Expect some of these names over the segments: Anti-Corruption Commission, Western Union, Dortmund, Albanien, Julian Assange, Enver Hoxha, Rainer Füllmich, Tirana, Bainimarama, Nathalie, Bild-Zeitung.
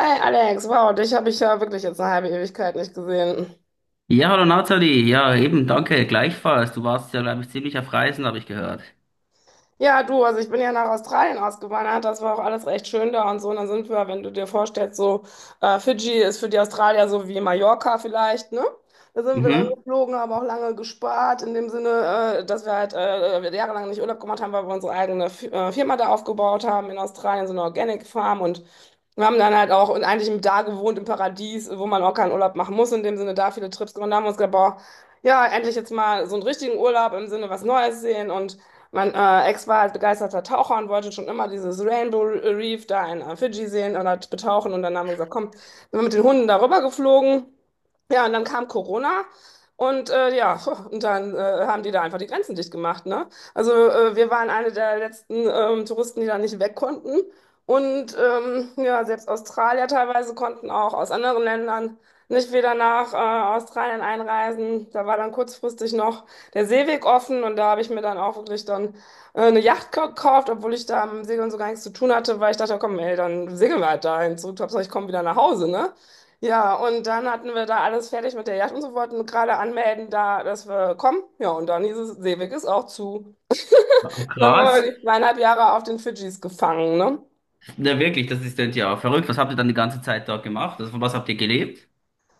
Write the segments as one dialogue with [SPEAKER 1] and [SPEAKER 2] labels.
[SPEAKER 1] Hi Alex, wow, dich habe ich ja wirklich jetzt eine halbe Ewigkeit nicht gesehen.
[SPEAKER 2] Ja, hallo Nathalie. Ja, eben, danke, gleichfalls. Du warst ja, glaube ich, ziemlich auf Reisen, habe ich gehört.
[SPEAKER 1] Ja, du, also ich bin ja nach Australien ausgewandert, das war auch alles recht schön da und so. Und dann sind wir, wenn du dir vorstellst, so Fidschi ist für die Australier so wie Mallorca vielleicht, ne? Da sind wir dann
[SPEAKER 2] Mhm.
[SPEAKER 1] geflogen, haben auch lange gespart, in dem Sinne, dass wir halt jahrelang nicht Urlaub gemacht haben, weil wir unsere eigene Firma da aufgebaut haben in Australien, so eine Organic Farm. Und wir haben dann halt auch und eigentlich im da gewohnt im Paradies, wo man auch keinen Urlaub machen muss, in dem Sinne da viele Trips gemacht. Da haben wir uns gedacht, boah, ja, endlich jetzt mal so einen richtigen Urlaub im Sinne was Neues sehen. Und mein Ex war halt begeisterter Taucher und wollte schon immer dieses Rainbow Reef da in Fidschi sehen und halt betauchen. Und dann haben wir gesagt, komm, sind wir mit den Hunden darüber geflogen. Ja, und dann kam Corona und ja, und dann haben die da einfach die Grenzen dicht gemacht, ne? Also wir waren eine der letzten Touristen, die da nicht weg konnten. Und ja, selbst Australier teilweise konnten auch aus anderen Ländern nicht wieder nach Australien einreisen. Da war dann kurzfristig noch der Seeweg offen und da habe ich mir dann auch wirklich dann eine Yacht gekauft, obwohl ich da am Segeln so gar nichts zu tun hatte, weil ich dachte, komm, ey, dann segeln wir halt dahin zurück, Hauptsache ich komme wieder nach Hause, ne? Ja, und dann hatten wir da alles fertig mit der Yacht und so, wollten gerade anmelden da, dass wir kommen. Ja, und dann hieß es, Seeweg ist auch zu.
[SPEAKER 2] Ah,
[SPEAKER 1] Dann waren
[SPEAKER 2] krass.
[SPEAKER 1] wir die zweieinhalb Jahre auf den Fidschis gefangen, ne?
[SPEAKER 2] Na wirklich, das ist denn ja verrückt. Was habt ihr dann die ganze Zeit dort gemacht? Also, von was habt ihr gelebt?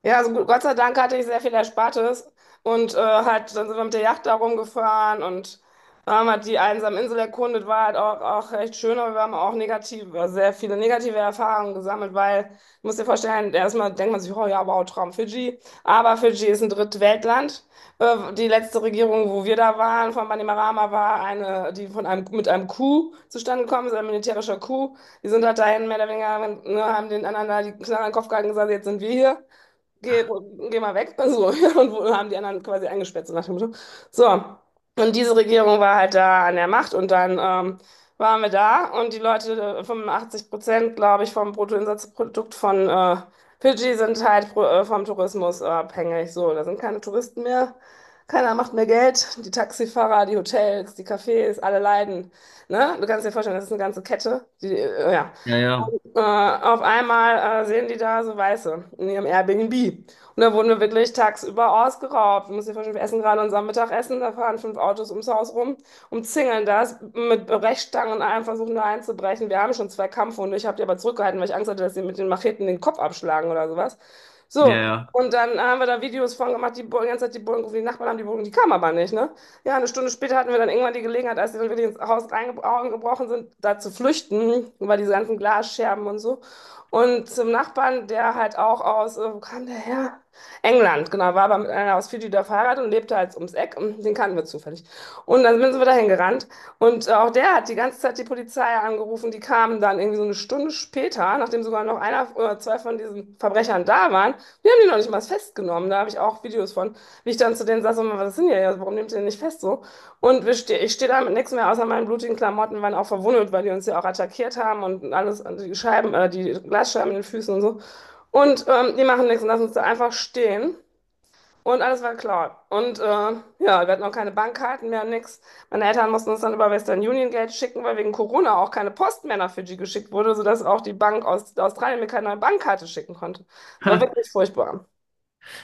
[SPEAKER 1] Ja, also gut, Gott sei Dank hatte ich sehr viel Erspartes und halt, dann sind wir mit der Yacht da rumgefahren und haben halt die einsame Insel erkundet, war halt auch recht schön. Aber wir haben auch negative, sehr viele negative Erfahrungen gesammelt, weil, du musst dir vorstellen, erstmal denkt man sich, oh ja, wow, Traum Fidschi, aber Fidschi ist ein Drittweltland. Die letzte Regierung, wo wir da waren, von Bainimarama, war eine, die von einem, mit einem Coup zustande gekommen ist, ein militärischer Coup. Die sind halt dahin, mehr oder weniger, ne, haben den anderen da die Knarre in den Kopf gehalten und gesagt, jetzt sind wir hier, geh, geh mal weg. So, und wo haben die anderen quasi eingesperrt, so nach dem Motto. So, und diese Regierung war halt da an der Macht. Und dann waren wir da und die Leute, 85%, glaube ich, vom Bruttoinlandsprodukt von Fidschi sind halt pro, vom Tourismus abhängig. So, da sind keine Touristen mehr. Keiner macht mehr Geld. Die Taxifahrer, die Hotels, die Cafés, alle leiden. Ne? Du kannst dir vorstellen, das ist eine ganze Kette. Die, ja.
[SPEAKER 2] Ja, ja,
[SPEAKER 1] Auf einmal sehen die da so Weiße in ihrem Airbnb. Und da wurden wir wirklich tagsüber ausgeraubt. Du musst dir vorstellen, wir essen gerade unser Mittagessen, da fahren fünf Autos ums Haus rum, umzingeln das mit Brechstangen und allem, versuchen da einzubrechen. Wir haben schon zwei Kampfhunde, ich habe die aber zurückgehalten, weil ich Angst hatte, dass sie mit den Macheten den Kopf abschlagen oder sowas.
[SPEAKER 2] ja,
[SPEAKER 1] So,
[SPEAKER 2] ja.
[SPEAKER 1] und dann haben wir da Videos von gemacht, die, die ganze Zeit die Bullen gerufen, die Nachbarn haben die Bullen, die kamen aber nicht, ne? Ja, eine Stunde später hatten wir dann irgendwann die Gelegenheit, als sie dann wirklich ins Haus reingebrochen sind, da zu flüchten, über diese ganzen Glasscherben und so. Und zum Nachbarn, der halt auch aus, wo kam der her? England, genau, war aber mit einer aus Fidschi da verheiratet und lebte halt ums Eck. Und den kannten wir zufällig. Und dann sind wir dahin gerannt. Und auch der hat die ganze Zeit die Polizei angerufen. Die kamen dann irgendwie so eine Stunde später, nachdem sogar noch einer oder zwei von diesen Verbrechern da waren. Die haben die noch nicht mal festgenommen. Da habe ich auch Videos von, wie ich dann zu denen saß und mal, was sind denn hier? Ja, warum nehmt ihr den nicht fest so? Und wir ste ich stehe da mit nichts mehr außer meinen blutigen Klamotten, waren auch verwundet, weil die uns ja auch attackiert haben und alles, die Scheiben, die Glasscheiben in den Füßen und so. Und die machen nichts und lassen uns da einfach stehen. Und alles war klar. Und ja, wir hatten auch keine Bankkarten mehr, nix. Meine Eltern mussten uns dann über Western Union Geld schicken, weil wegen Corona auch keine Post mehr nach Fidschi geschickt wurde, sodass auch die Bank aus Australien mir keine neue Bankkarte schicken konnte. Es war
[SPEAKER 2] Ha.
[SPEAKER 1] wirklich furchtbar.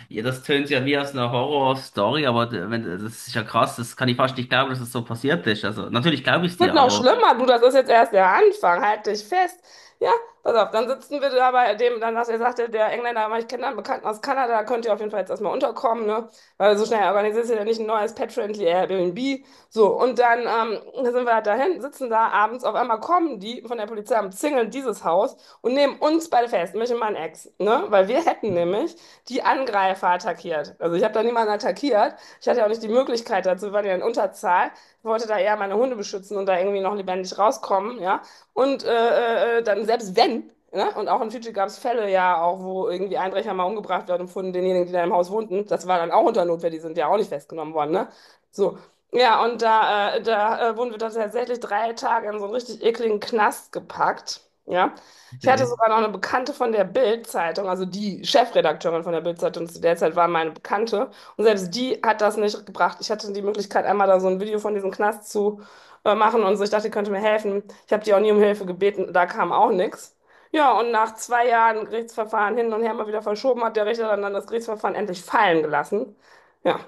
[SPEAKER 2] Ja, das tönt ja wie aus einer Horror-Story, aber d- wenn, das ist ja krass. Das kann ich fast nicht glauben, dass das so passiert ist. Also, natürlich glaube ich es
[SPEAKER 1] Wird
[SPEAKER 2] dir,
[SPEAKER 1] noch
[SPEAKER 2] aber
[SPEAKER 1] schlimmer, du, das ist jetzt erst der Anfang, halt dich fest. Ja, pass auf, dann sitzen wir da bei dem, dann sagt er, sagte der Engländer, aber ich kenne da einen Bekannten aus Kanada, da könnt ihr auf jeden Fall jetzt erstmal unterkommen, ne? Weil so schnell organisiert ihr ja nicht ein neues Pet-Friendly Airbnb. So, und dann sind wir halt dahin, sitzen da abends, auf einmal kommen die von der Polizei und zingeln dieses Haus und nehmen uns beide fest, mich und meinen Ex, ne? Weil wir hätten nämlich die Angreifer attackiert. Also ich habe da niemanden attackiert, ich hatte ja auch nicht die Möglichkeit dazu, wir waren ja in Unterzahl. Ich wollte da eher meine Hunde beschützen und da irgendwie noch lebendig rauskommen, ja. Und dann selbst wenn, ne? Und auch in Fidschi gab es Fälle ja auch, wo irgendwie Einbrecher mal umgebracht werden und von denjenigen, die da im Haus wohnten. Das war dann auch unter Notwehr, die sind ja auch nicht festgenommen worden, ne? So. Ja, und da, wurden wir dann tatsächlich drei Tage in so einen richtig ekligen Knast gepackt. Ja. Ich hatte
[SPEAKER 2] okay.
[SPEAKER 1] sogar noch eine Bekannte von der Bild-Zeitung, also die Chefredakteurin von der Bild-Zeitung zu der Zeit war meine Bekannte. Und selbst die hat das nicht gebracht. Ich hatte die Möglichkeit, einmal da so ein Video von diesem Knast zu machen und so. Ich dachte, die könnte mir helfen. Ich habe die auch nie um Hilfe gebeten, da kam auch nichts. Ja, und nach zwei Jahren Gerichtsverfahren hin und her mal wieder verschoben, hat der Richter dann das Gerichtsverfahren endlich fallen gelassen. Ja.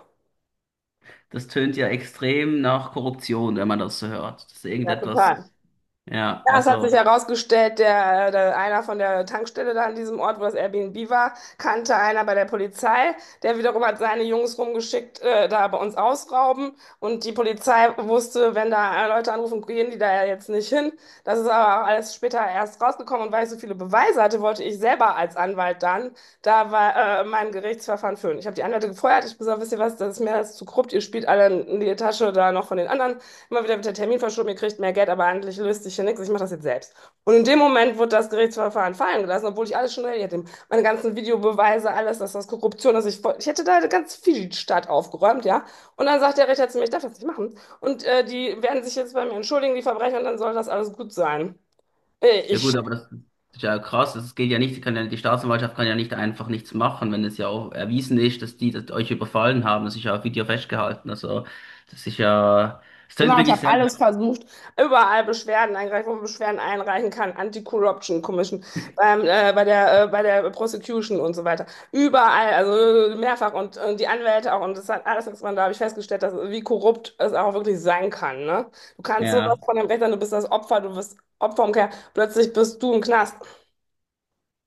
[SPEAKER 2] Das tönt ja extrem nach Korruption, wenn man das so hört. Das ist
[SPEAKER 1] Ja,
[SPEAKER 2] irgendetwas,
[SPEAKER 1] total.
[SPEAKER 2] ja,
[SPEAKER 1] Ja, es hat
[SPEAKER 2] also.
[SPEAKER 1] sich herausgestellt, der einer von der Tankstelle da an diesem Ort, wo das Airbnb war, kannte einer bei der Polizei. Der wiederum hat seine Jungs rumgeschickt, da bei uns ausrauben. Und die Polizei wusste, wenn da Leute anrufen, gehen die da ja jetzt nicht hin. Das ist aber auch alles später erst rausgekommen. Und weil ich so viele Beweise hatte, wollte ich selber als Anwalt dann mein Gerichtsverfahren führen. Ich habe die Anwälte gefeuert. Ich habe gesagt, wisst ihr was, das ist mir alles zu korrupt. Ihr spielt alle in die Tasche da noch von den anderen. Immer wieder wird der Termin verschoben, ihr kriegt mehr Geld, aber eigentlich löst sich hier nichts, ich mache das jetzt selbst. Und in dem Moment wird das Gerichtsverfahren fallen gelassen, obwohl ich alles schon erledigt habe. Meine ganzen Videobeweise, alles, dass das Korruption ist. Ich hätte da ganz viel Stadt aufgeräumt, ja. Und dann sagt der Richter zu mir, ich darf das nicht machen. Und die werden sich jetzt bei mir entschuldigen, die Verbrecher, und dann soll das alles gut sein.
[SPEAKER 2] Ja
[SPEAKER 1] Ich
[SPEAKER 2] gut, aber das ist ja krass. Das geht ja nicht, die kann ja, die Staatsanwaltschaft kann ja nicht einfach nichts machen, wenn es ja auch erwiesen ist, dass die das euch überfallen haben. Das ist ja auf Video festgehalten. Also das ist ja, es klingt
[SPEAKER 1] Genau, ich
[SPEAKER 2] wirklich
[SPEAKER 1] habe
[SPEAKER 2] sehr,
[SPEAKER 1] alles versucht, überall Beschwerden eingereicht, wo man Beschwerden einreichen kann, Anti-Corruption Commission, bei der Prosecution und so weiter. Überall, also mehrfach und die Anwälte auch. Und das hat alles nichts, man da habe ich festgestellt, dass, wie korrupt es auch wirklich sein kann. Ne? Du kannst sowas
[SPEAKER 2] ja.
[SPEAKER 1] von dem Recht sein, du bist das Opfer, du bist Opfer umkehr, plötzlich bist du im Knast.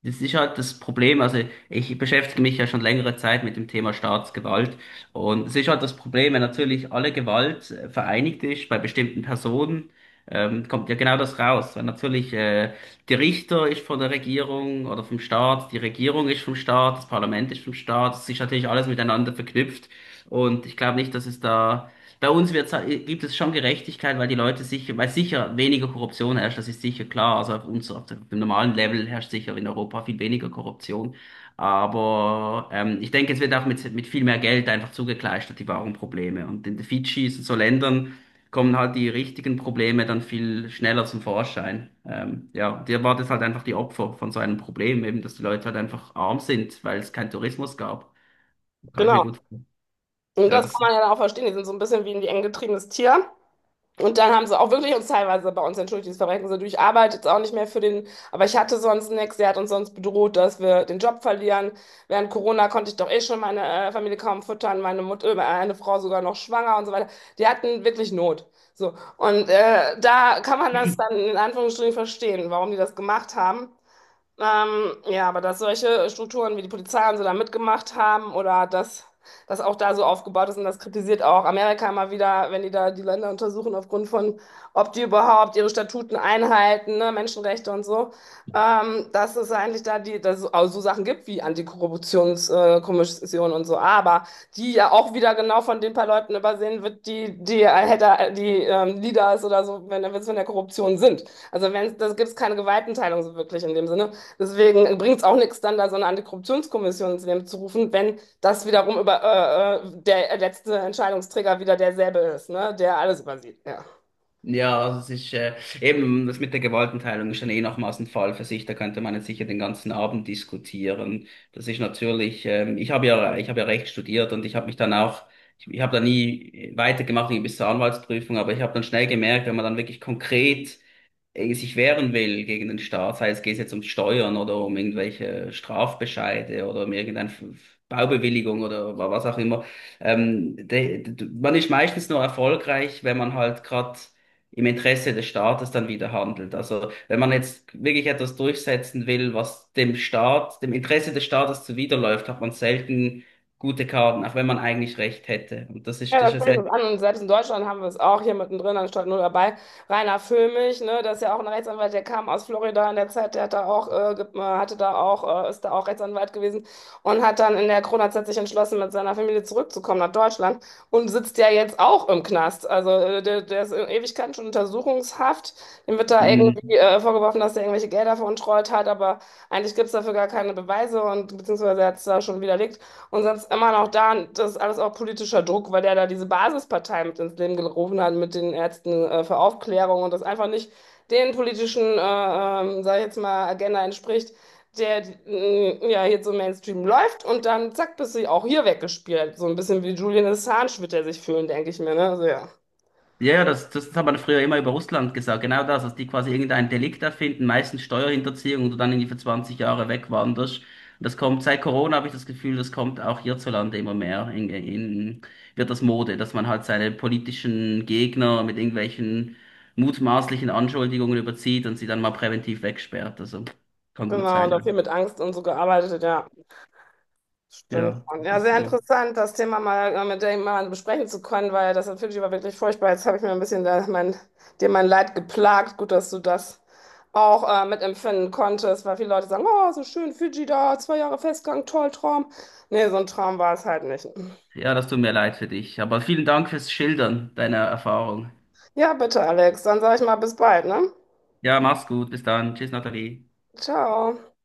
[SPEAKER 2] Das ist halt das Problem. Also ich beschäftige mich ja schon längere Zeit mit dem Thema Staatsgewalt. Und es ist halt das Problem, wenn natürlich alle Gewalt vereinigt ist bei bestimmten Personen, kommt ja genau das raus. Weil natürlich der Richter ist von der Regierung oder vom Staat, die Regierung ist vom Staat, das Parlament ist vom Staat. Es ist natürlich alles miteinander verknüpft. Und ich glaube nicht, dass es da bei uns gibt es schon Gerechtigkeit, weil die Leute sicher, weil sicher weniger Korruption herrscht, das ist sicher klar. Also auf uns, auf dem normalen Level herrscht sicher in Europa viel weniger Korruption. Aber ich denke, es wird auch mit viel mehr Geld einfach zugekleistert, die wahren Probleme. Und in den Fidschis und so Ländern kommen halt die richtigen Probleme dann viel schneller zum Vorschein. Ja, dir war das halt einfach die Opfer von so einem Problem, eben, dass die Leute halt einfach arm sind, weil es keinen Tourismus gab. Kann ich mir
[SPEAKER 1] Genau.
[SPEAKER 2] gut vorstellen.
[SPEAKER 1] Und
[SPEAKER 2] Ja,
[SPEAKER 1] das kann
[SPEAKER 2] das.
[SPEAKER 1] man ja dann auch verstehen. Die sind so ein bisschen wie ein eng getriebenes Tier. Und dann haben sie auch wirklich uns teilweise bei uns entschuldigt, das Verbrechen so, du, ich arbeite jetzt auch nicht mehr für den, aber ich hatte sonst nichts, der hat uns sonst bedroht, dass wir den Job verlieren. Während Corona konnte ich doch eh schon meine Familie kaum füttern, meine Mutter, eine Frau sogar noch schwanger und so weiter. Die hatten wirklich Not. So. Und da kann man das dann in Anführungsstrichen verstehen, warum die das gemacht haben. Ja, aber dass solche Strukturen wie die Polizei und so da mitgemacht haben oder dass das auch da so aufgebaut ist. Und das kritisiert auch Amerika immer wieder, wenn die da die Länder untersuchen aufgrund von, ob die überhaupt ihre Statuten einhalten, ne, Menschenrechte und so, dass es eigentlich da die, dass es auch so Sachen gibt wie Antikorruptionskommission Kommission und so, aber die ja auch wieder genau von den paar Leuten übersehen wird, die die, Hatter- die Leaders oder so, wenn wenn es von der Korruption sind. Also wenn das gibt es keine Gewaltenteilung so wirklich in dem Sinne. Deswegen bringt es auch nichts, dann da so eine Antikorruptionskommission ins Leben zu rufen, wenn das wiederum über der letzte Entscheidungsträger wieder derselbe ist, ne? Der alles übersieht. Ja.
[SPEAKER 2] Ja, also es ist eben das mit der Gewaltenteilung ist dann eh nochmals ein Fall für sich. Da könnte man jetzt sicher den ganzen Abend diskutieren. Das ist natürlich, ich habe ja Recht studiert und ich habe mich dann auch, ich habe da nie weitergemacht irgendwie bis zur Anwaltsprüfung, aber ich habe dann schnell gemerkt, wenn man dann wirklich konkret sich wehren will gegen den Staat, sei es geht jetzt um Steuern oder um irgendwelche Strafbescheide oder um irgendeine Baubewilligung oder was auch immer. Man ist meistens nur erfolgreich, wenn man halt gerade im Interesse des Staates dann wieder handelt. Also wenn man jetzt wirklich etwas durchsetzen will, was dem Staat, dem Interesse des Staates zuwiderläuft, hat man selten gute Karten, auch wenn man eigentlich recht hätte. Und
[SPEAKER 1] Ja,
[SPEAKER 2] das
[SPEAKER 1] das
[SPEAKER 2] ist
[SPEAKER 1] spricht
[SPEAKER 2] ja
[SPEAKER 1] uns an. Und selbst in Deutschland haben wir es auch hier mittendrin, anstatt nur dabei. Rainer Füllmich, ne, das ist ja auch ein Rechtsanwalt, der kam aus Florida in der Zeit, der hat da auch, hatte da auch, ist da auch Rechtsanwalt gewesen und hat dann in der Corona-Zeit sich entschlossen, mit seiner Familie zurückzukommen nach Deutschland und sitzt ja jetzt auch im Knast. Also der ist in Ewigkeiten schon untersuchungshaft. Ihm wird da
[SPEAKER 2] sehr.
[SPEAKER 1] irgendwie vorgeworfen, dass er irgendwelche Gelder veruntreut hat, aber eigentlich gibt es dafür gar keine Beweise, und beziehungsweise er hat es da schon widerlegt. Und sonst immer noch da, das ist alles auch politischer Druck, weil der da diese Basispartei mit ins Leben gerufen hat, mit den Ärzten für Aufklärung und das einfach nicht den politischen, sag ich jetzt mal, Agenda entspricht, der ja hier so Mainstream läuft, und dann zack, bist du auch hier weggespielt. So ein bisschen wie Julian Assange wird er sich fühlen, denke ich mir, ne? Also ja,
[SPEAKER 2] Ja, ja, das hat man früher immer über Russland gesagt, genau das, dass die quasi irgendein Delikt erfinden, meistens Steuerhinterziehung und du dann irgendwie für 20 Jahre wegwanderst. Und das kommt, seit Corona habe ich das Gefühl, das kommt auch hierzulande immer mehr. Wird das Mode, dass man halt seine politischen Gegner mit irgendwelchen mutmaßlichen Anschuldigungen überzieht und sie dann mal präventiv wegsperrt. Also kann gut
[SPEAKER 1] genau, und auch viel
[SPEAKER 2] sein.
[SPEAKER 1] mit Angst und so gearbeitet, ja. Stimmt
[SPEAKER 2] Ja,
[SPEAKER 1] schon.
[SPEAKER 2] das
[SPEAKER 1] Ja,
[SPEAKER 2] ist
[SPEAKER 1] sehr
[SPEAKER 2] so.
[SPEAKER 1] interessant, das Thema mal mit dir mal besprechen zu können, weil das natürlich war wirklich furchtbar. Jetzt habe ich mir ein bisschen da mein, dir mein Leid geplagt. Gut, dass du das auch mitempfinden konntest, weil viele Leute sagen, oh, so schön, Fidschi da, zwei Jahre Festgang, toll, Traum. Nee, so ein Traum war es halt nicht.
[SPEAKER 2] Ja, das tut mir leid für dich. Aber vielen Dank fürs Schildern deiner Erfahrung.
[SPEAKER 1] Ja, bitte, Alex, dann sage ich mal bis bald, ne?
[SPEAKER 2] Ja, mach's gut. Bis dann. Tschüss, Nathalie.
[SPEAKER 1] Ciao.